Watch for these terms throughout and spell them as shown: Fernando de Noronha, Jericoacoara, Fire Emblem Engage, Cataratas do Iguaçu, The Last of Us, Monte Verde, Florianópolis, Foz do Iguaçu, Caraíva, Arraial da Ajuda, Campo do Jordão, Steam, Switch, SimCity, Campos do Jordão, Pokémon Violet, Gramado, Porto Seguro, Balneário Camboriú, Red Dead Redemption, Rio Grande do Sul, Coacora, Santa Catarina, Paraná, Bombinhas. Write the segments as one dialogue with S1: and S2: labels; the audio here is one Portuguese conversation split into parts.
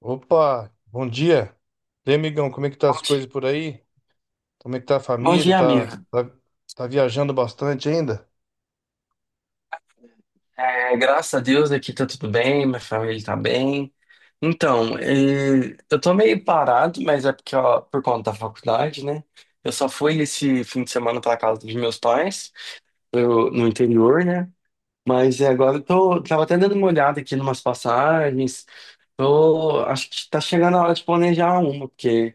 S1: Opa, bom dia. E aí, amigão, como é que tá
S2: Bom
S1: as coisas
S2: dia,
S1: por aí? Como é que tá a
S2: Bom
S1: família?
S2: dia, amigo.
S1: Tá, tá viajando bastante ainda?
S2: É, graças a Deus aqui tá tudo bem, minha família tá bem. Então, eu tô meio parado, mas é porque, ó, por conta da faculdade, né? Eu só fui esse fim de semana pra casa dos meus pais, no interior, né? Mas agora tava até dando uma olhada aqui numas passagens. Tô, acho que tá chegando a hora de planejar uma, porque,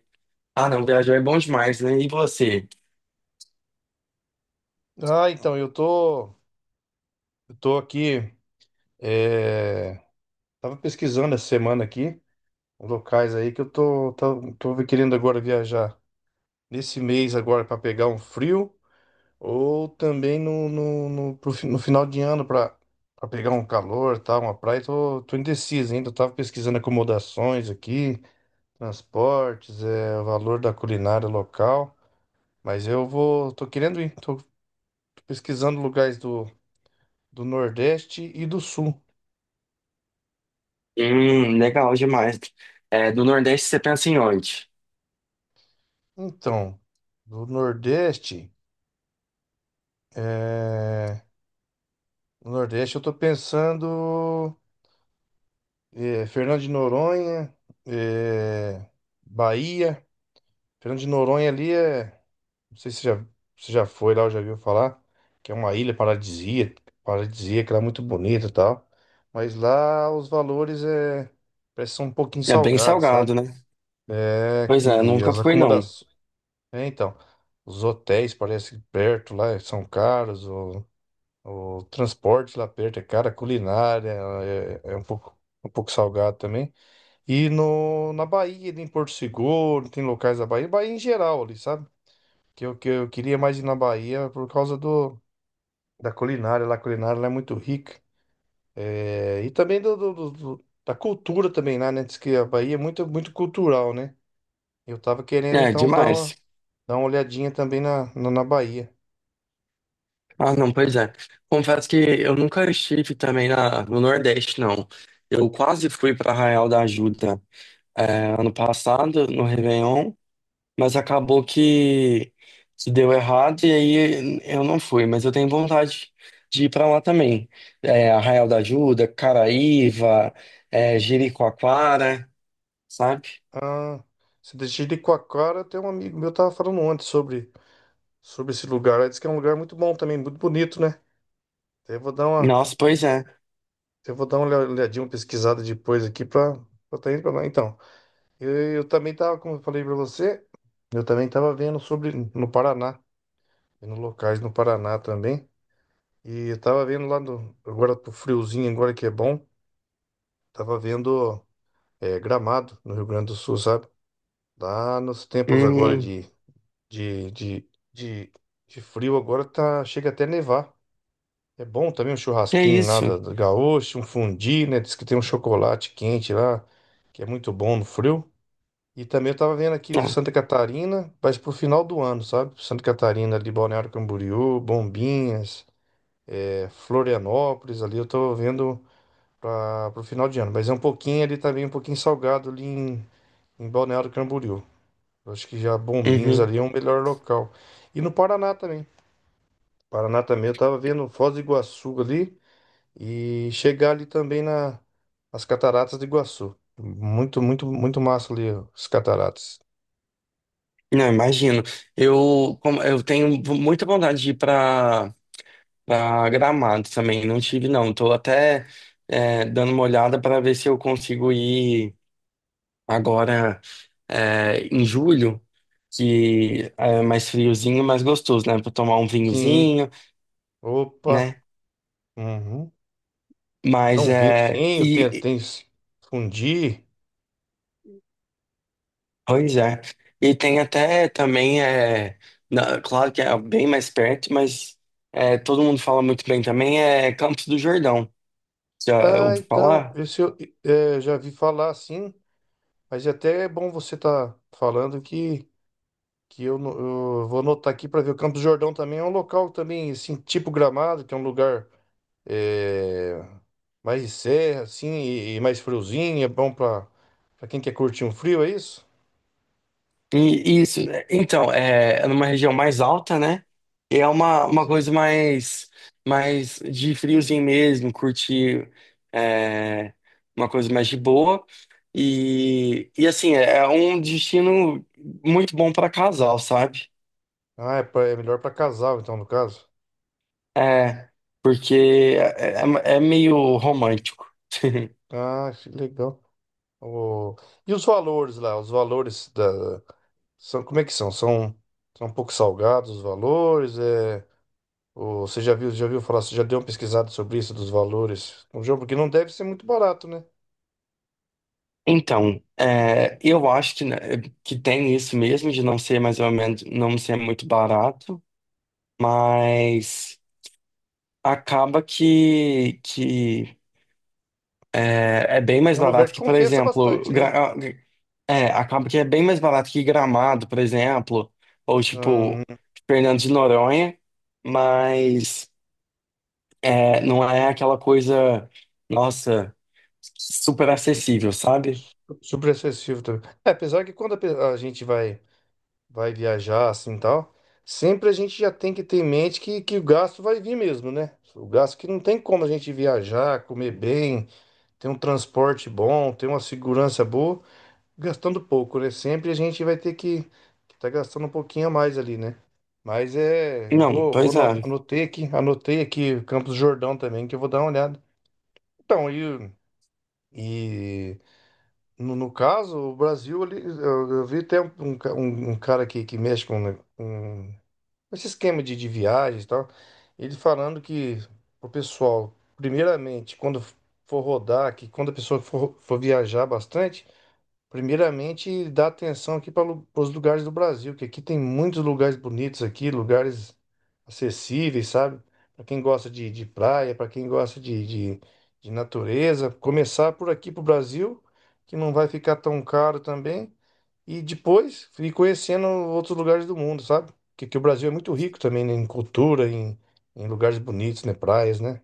S2: ah, não, viajar é bom demais, né? E você?
S1: Ah, então, eu tô, eu tô aqui, é, tava pesquisando essa semana aqui, locais aí que eu tô querendo agora viajar nesse mês agora para pegar um frio ou também no final de ano para pegar um calor, tá, uma praia. Tô indeciso ainda, eu tava pesquisando acomodações aqui. Transportes, o valor da culinária local. Mas tô querendo ir, tô pesquisando lugares do Nordeste e do Sul.
S2: Legal demais. É, do Nordeste você pensa em onde?
S1: Então, do Nordeste, é, no Nordeste eu tô pensando Fernando de Noronha, é, Bahia. Fernando de Noronha ali é. Não sei se já foi lá ou já viu falar, que é uma ilha paradisíaca, lá é muito bonita e tal. Mas lá os valores é, parece que são um pouquinho
S2: É bem
S1: salgados, sabe?
S2: salgado, né?
S1: É,
S2: Pois é,
S1: e
S2: nunca
S1: as
S2: fui não.
S1: acomodações. É, então, os hotéis parece que perto lá são caros, o transporte lá perto é caro, a culinária é, um pouco salgado também. E no, na Bahia, em Porto Seguro, tem locais da Bahia, Bahia em geral ali, sabe? Que eu queria mais ir na Bahia por causa da culinária lá. A culinária lá é muito rica. É, e também da cultura também lá, né? Diz que a Bahia é muito cultural, né? Eu tava querendo
S2: É,
S1: então
S2: demais.
S1: dar uma olhadinha também na Bahia.
S2: Ah, não, pois é. Confesso que eu nunca estive também no Nordeste, não. Eu quase fui para Arraial da Ajuda ano passado, no Réveillon, mas acabou que se deu errado e aí eu não fui. Mas eu tenho vontade de ir para lá também. É, Arraial da Ajuda, Caraíva, Jericoacoara, sabe?
S1: Ah, se deixar de Coacora, tem um amigo meu tava falando ontem sobre esse lugar. Ele disse que é um lugar muito bom também, muito bonito, né? Então
S2: Nossa, pois é.
S1: eu vou dar uma olhadinha, uma pesquisada depois aqui pra tá indo pra lá então. Eu também tava, como eu falei pra você, eu também tava vendo sobre no Paraná, vendo locais no Paraná também. E eu tava vendo lá no, agora pro friozinho, agora que é bom, tava vendo Gramado, no Rio Grande do Sul, sabe? Lá nos tempos agora
S2: Uhum.
S1: de, de, de, de frio, agora tá, chega até nevar. É bom também um
S2: Que
S1: churrasquinho lá
S2: isso?
S1: da gaúcho, um fundi, né? Diz que tem um chocolate quente lá, que é muito bom no frio. E também eu tava vendo aqui
S2: Ah,
S1: Santa Catarina, mas pro final do ano, sabe? Santa Catarina, ali, Balneário Camboriú, Bombinhas, Florianópolis, ali eu tô vendo para pro final de ano. Mas é um pouquinho ali também, um pouquinho salgado ali em Balneário Camboriú. Eu acho que já Bombinhas
S2: Uhum.
S1: ali é o melhor local. E no Paraná também. Paraná também eu tava vendo Foz do Iguaçu ali e chegar ali também nas Cataratas do Iguaçu. Muito massa ali ó, as cataratas.
S2: Não, imagino. Eu tenho muita vontade de ir para Gramado também. Não tive, não. Estou até dando uma olhada para ver se eu consigo ir agora, em julho, que é mais friozinho, mais gostoso, né? Para tomar um
S1: Sim.
S2: vinhozinho,
S1: Opa!
S2: né?
S1: Uhum. Não,
S2: Mas
S1: um
S2: é.
S1: vinhozinho, tem esse fundi.
S2: Pois é. E tem até também, é, claro que é bem mais perto, mas é, todo mundo fala muito bem também, é Campos do Jordão. Já
S1: Ah,
S2: ouviu
S1: então,
S2: falar?
S1: esse eu já vi falar assim, mas até é bom você tá falando que eu, no- eu vou anotar aqui para ver. O Campo do Jordão também é um local também, assim, tipo Gramado, que é um lugar é, mais de serra, assim, e mais friozinho, é bom para quem quer curtir um frio, é isso?
S2: E isso, né? Então, é, é numa região mais alta, né? E é uma
S1: Sim.
S2: coisa mais, mais de friozinho mesmo, curtir é, uma coisa mais de boa. E assim, é um destino muito bom para casal, sabe?
S1: Ah, é, é melhor para casal, então, no caso.
S2: É, porque é, é meio romântico.
S1: Ah, que legal. O... E os valores lá? Os valores da. São... Como é que são? São, são um pouco salgados os valores? É... O... Você já viu falar, você já deu uma pesquisada sobre isso dos valores um jogo? Porque não deve ser muito barato, né?
S2: Então, é, eu acho que, né, que tem isso mesmo de não ser mais ou menos, não ser muito barato, mas acaba que é, é bem
S1: É
S2: mais
S1: um lugar
S2: barato
S1: que
S2: que, por
S1: compensa
S2: exemplo,
S1: bastante, né?
S2: é, acaba que é bem mais barato que Gramado, por exemplo, ou
S1: Hum,
S2: tipo Fernando de Noronha, mas é, não é aquela coisa, nossa, super acessível, sabe?
S1: super acessível também. É, apesar que quando a, pe- a gente vai, vai viajar assim e tal, sempre a gente já tem que ter em mente que o gasto vai vir mesmo, né? O gasto que não tem como a gente viajar, comer bem. Tem um transporte bom, tem uma segurança boa, gastando pouco, né? Sempre a gente vai ter que tá gastando um pouquinho a mais ali, né? Mas é, eu
S2: Não,
S1: vou, vou
S2: pois
S1: ano-
S2: é.
S1: anotei aqui Campos do Jordão também, que eu vou dar uma olhada. Então, e, e no caso, o Brasil ali, eu vi até um cara que mexe com, né, esse esquema de viagens e tal, ele falando que o pessoal, primeiramente, quando for rodar, que quando a pessoa for viajar bastante, primeiramente dá atenção aqui para os lugares do Brasil, que aqui tem muitos lugares bonitos aqui, lugares acessíveis, sabe? Para quem gosta de praia, para quem gosta de, de natureza, começar por aqui para o Brasil, que não vai ficar tão caro também. E depois ir conhecendo outros lugares do mundo, sabe? Porque que o Brasil é muito rico também, né? Em cultura, em lugares bonitos, né? Praias, né?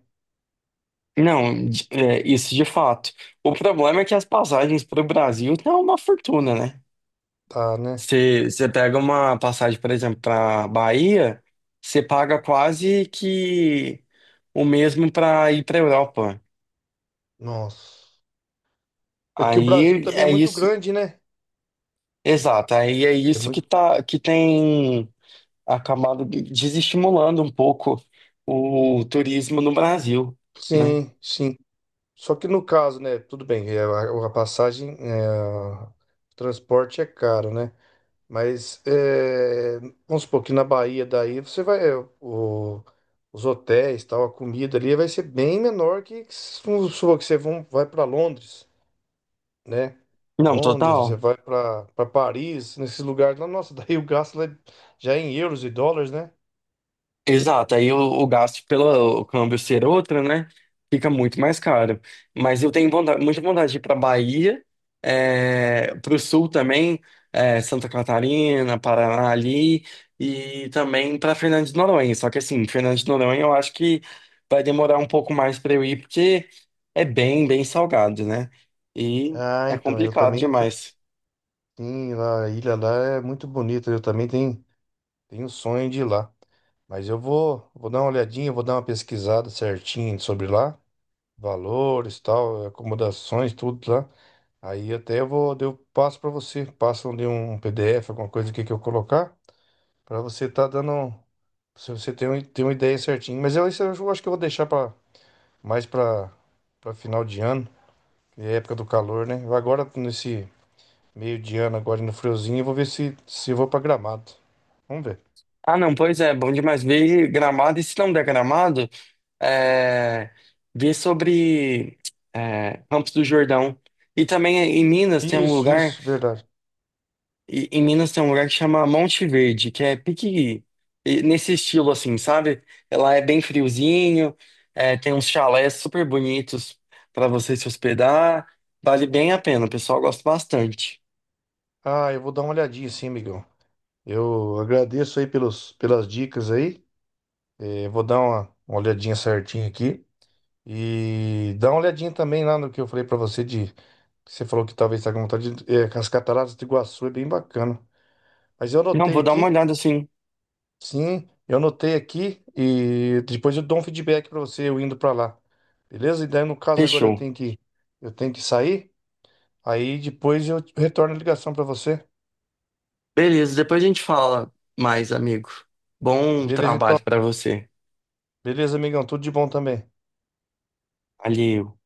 S2: Não, é, isso de fato. O problema é que as passagens para o Brasil estão uma fortuna, né?
S1: Tá, né?
S2: Você pega uma passagem, por exemplo, para Bahia, você paga quase que o mesmo para ir para Europa.
S1: Nossa. É que o Brasil
S2: Aí
S1: também é
S2: é
S1: muito
S2: isso,
S1: grande, né?
S2: exato. Aí é
S1: É
S2: isso que
S1: muito...
S2: tá, que tem acabado desestimulando um pouco o turismo no Brasil, né?
S1: Sim, sim. Só que no caso, né? Tudo bem, é, a passagem, é, o transporte é caro, né? Mas é, vamos supor que na Bahia daí você vai. É, o- os hotéis, tal, a comida ali vai ser bem menor que se for que você vão- vai para Londres, né?
S2: Não,
S1: Londres, você
S2: total.
S1: vai para Paris, nesses lugares lá, nossa, daí o gasto lá é- já é em euros e dólares, né?
S2: Exato, aí o gasto pelo câmbio ser outro, né? Fica muito mais caro. Mas eu tenho vontade, muita vontade de ir para Bahia, para o sul também, é, Santa Catarina, Paraná ali, e também para Fernando de Noronha. Só que assim, Fernando de Noronha eu acho que vai demorar um pouco mais para eu ir, porque é bem, bem salgado, né? E
S1: Ah,
S2: é
S1: então, eu
S2: complicado
S1: também, eu
S2: demais.
S1: lá, a ilha lá é muito bonita, eu também tenho um sonho de ir lá. Mas vou dar uma olhadinha, vou dar uma pesquisada certinho sobre lá, valores, tal, acomodações, tudo lá. Aí até eu passo para você, passam de um PDF, alguma coisa aqui que eu colocar, para você estar dando um. Se você tem, tem uma ideia certinha. Mas eu, isso eu acho que eu vou deixar mais para final de ano, que é época do calor, né? Agora, nesse meio de ano, agora no friozinho, eu vou ver se eu vou pra Gramado. Vamos ver.
S2: Ah, não, pois é, bom demais ver Gramado, e se não der Gramado, é, ver sobre é, Campos do Jordão. E também em Minas tem um
S1: Isso,
S2: lugar,
S1: isso, verdade.
S2: em Minas tem um lugar que chama Monte Verde, que é pique nesse estilo assim, sabe? Ela é bem friozinho, é, tem uns chalés super bonitos para você se hospedar, vale bem a pena, o pessoal gosta bastante.
S1: Ah, eu vou dar uma olhadinha sim, amigão. Eu agradeço aí pelos, pelas dicas aí. Eh, uma olhadinha certinha aqui. E dá uma olhadinha também lá no que eu falei pra você de. Que você falou que talvez tá com vontade de. Eh, as cataratas do Iguaçu é bem bacana. Mas eu
S2: Não,
S1: anotei
S2: vou dar uma
S1: aqui,
S2: olhada assim.
S1: sim, eu anotei aqui e depois eu dou um feedback pra você eu indo pra lá. Beleza? E daí no caso agora
S2: Fechou.
S1: eu tenho que sair, aí depois eu retorno a ligação pra você.
S2: Beleza, depois a gente fala mais, amigo. Bom
S1: Beleza então.
S2: trabalho para você.
S1: Beleza, amigão, tudo de bom também.
S2: Valeu.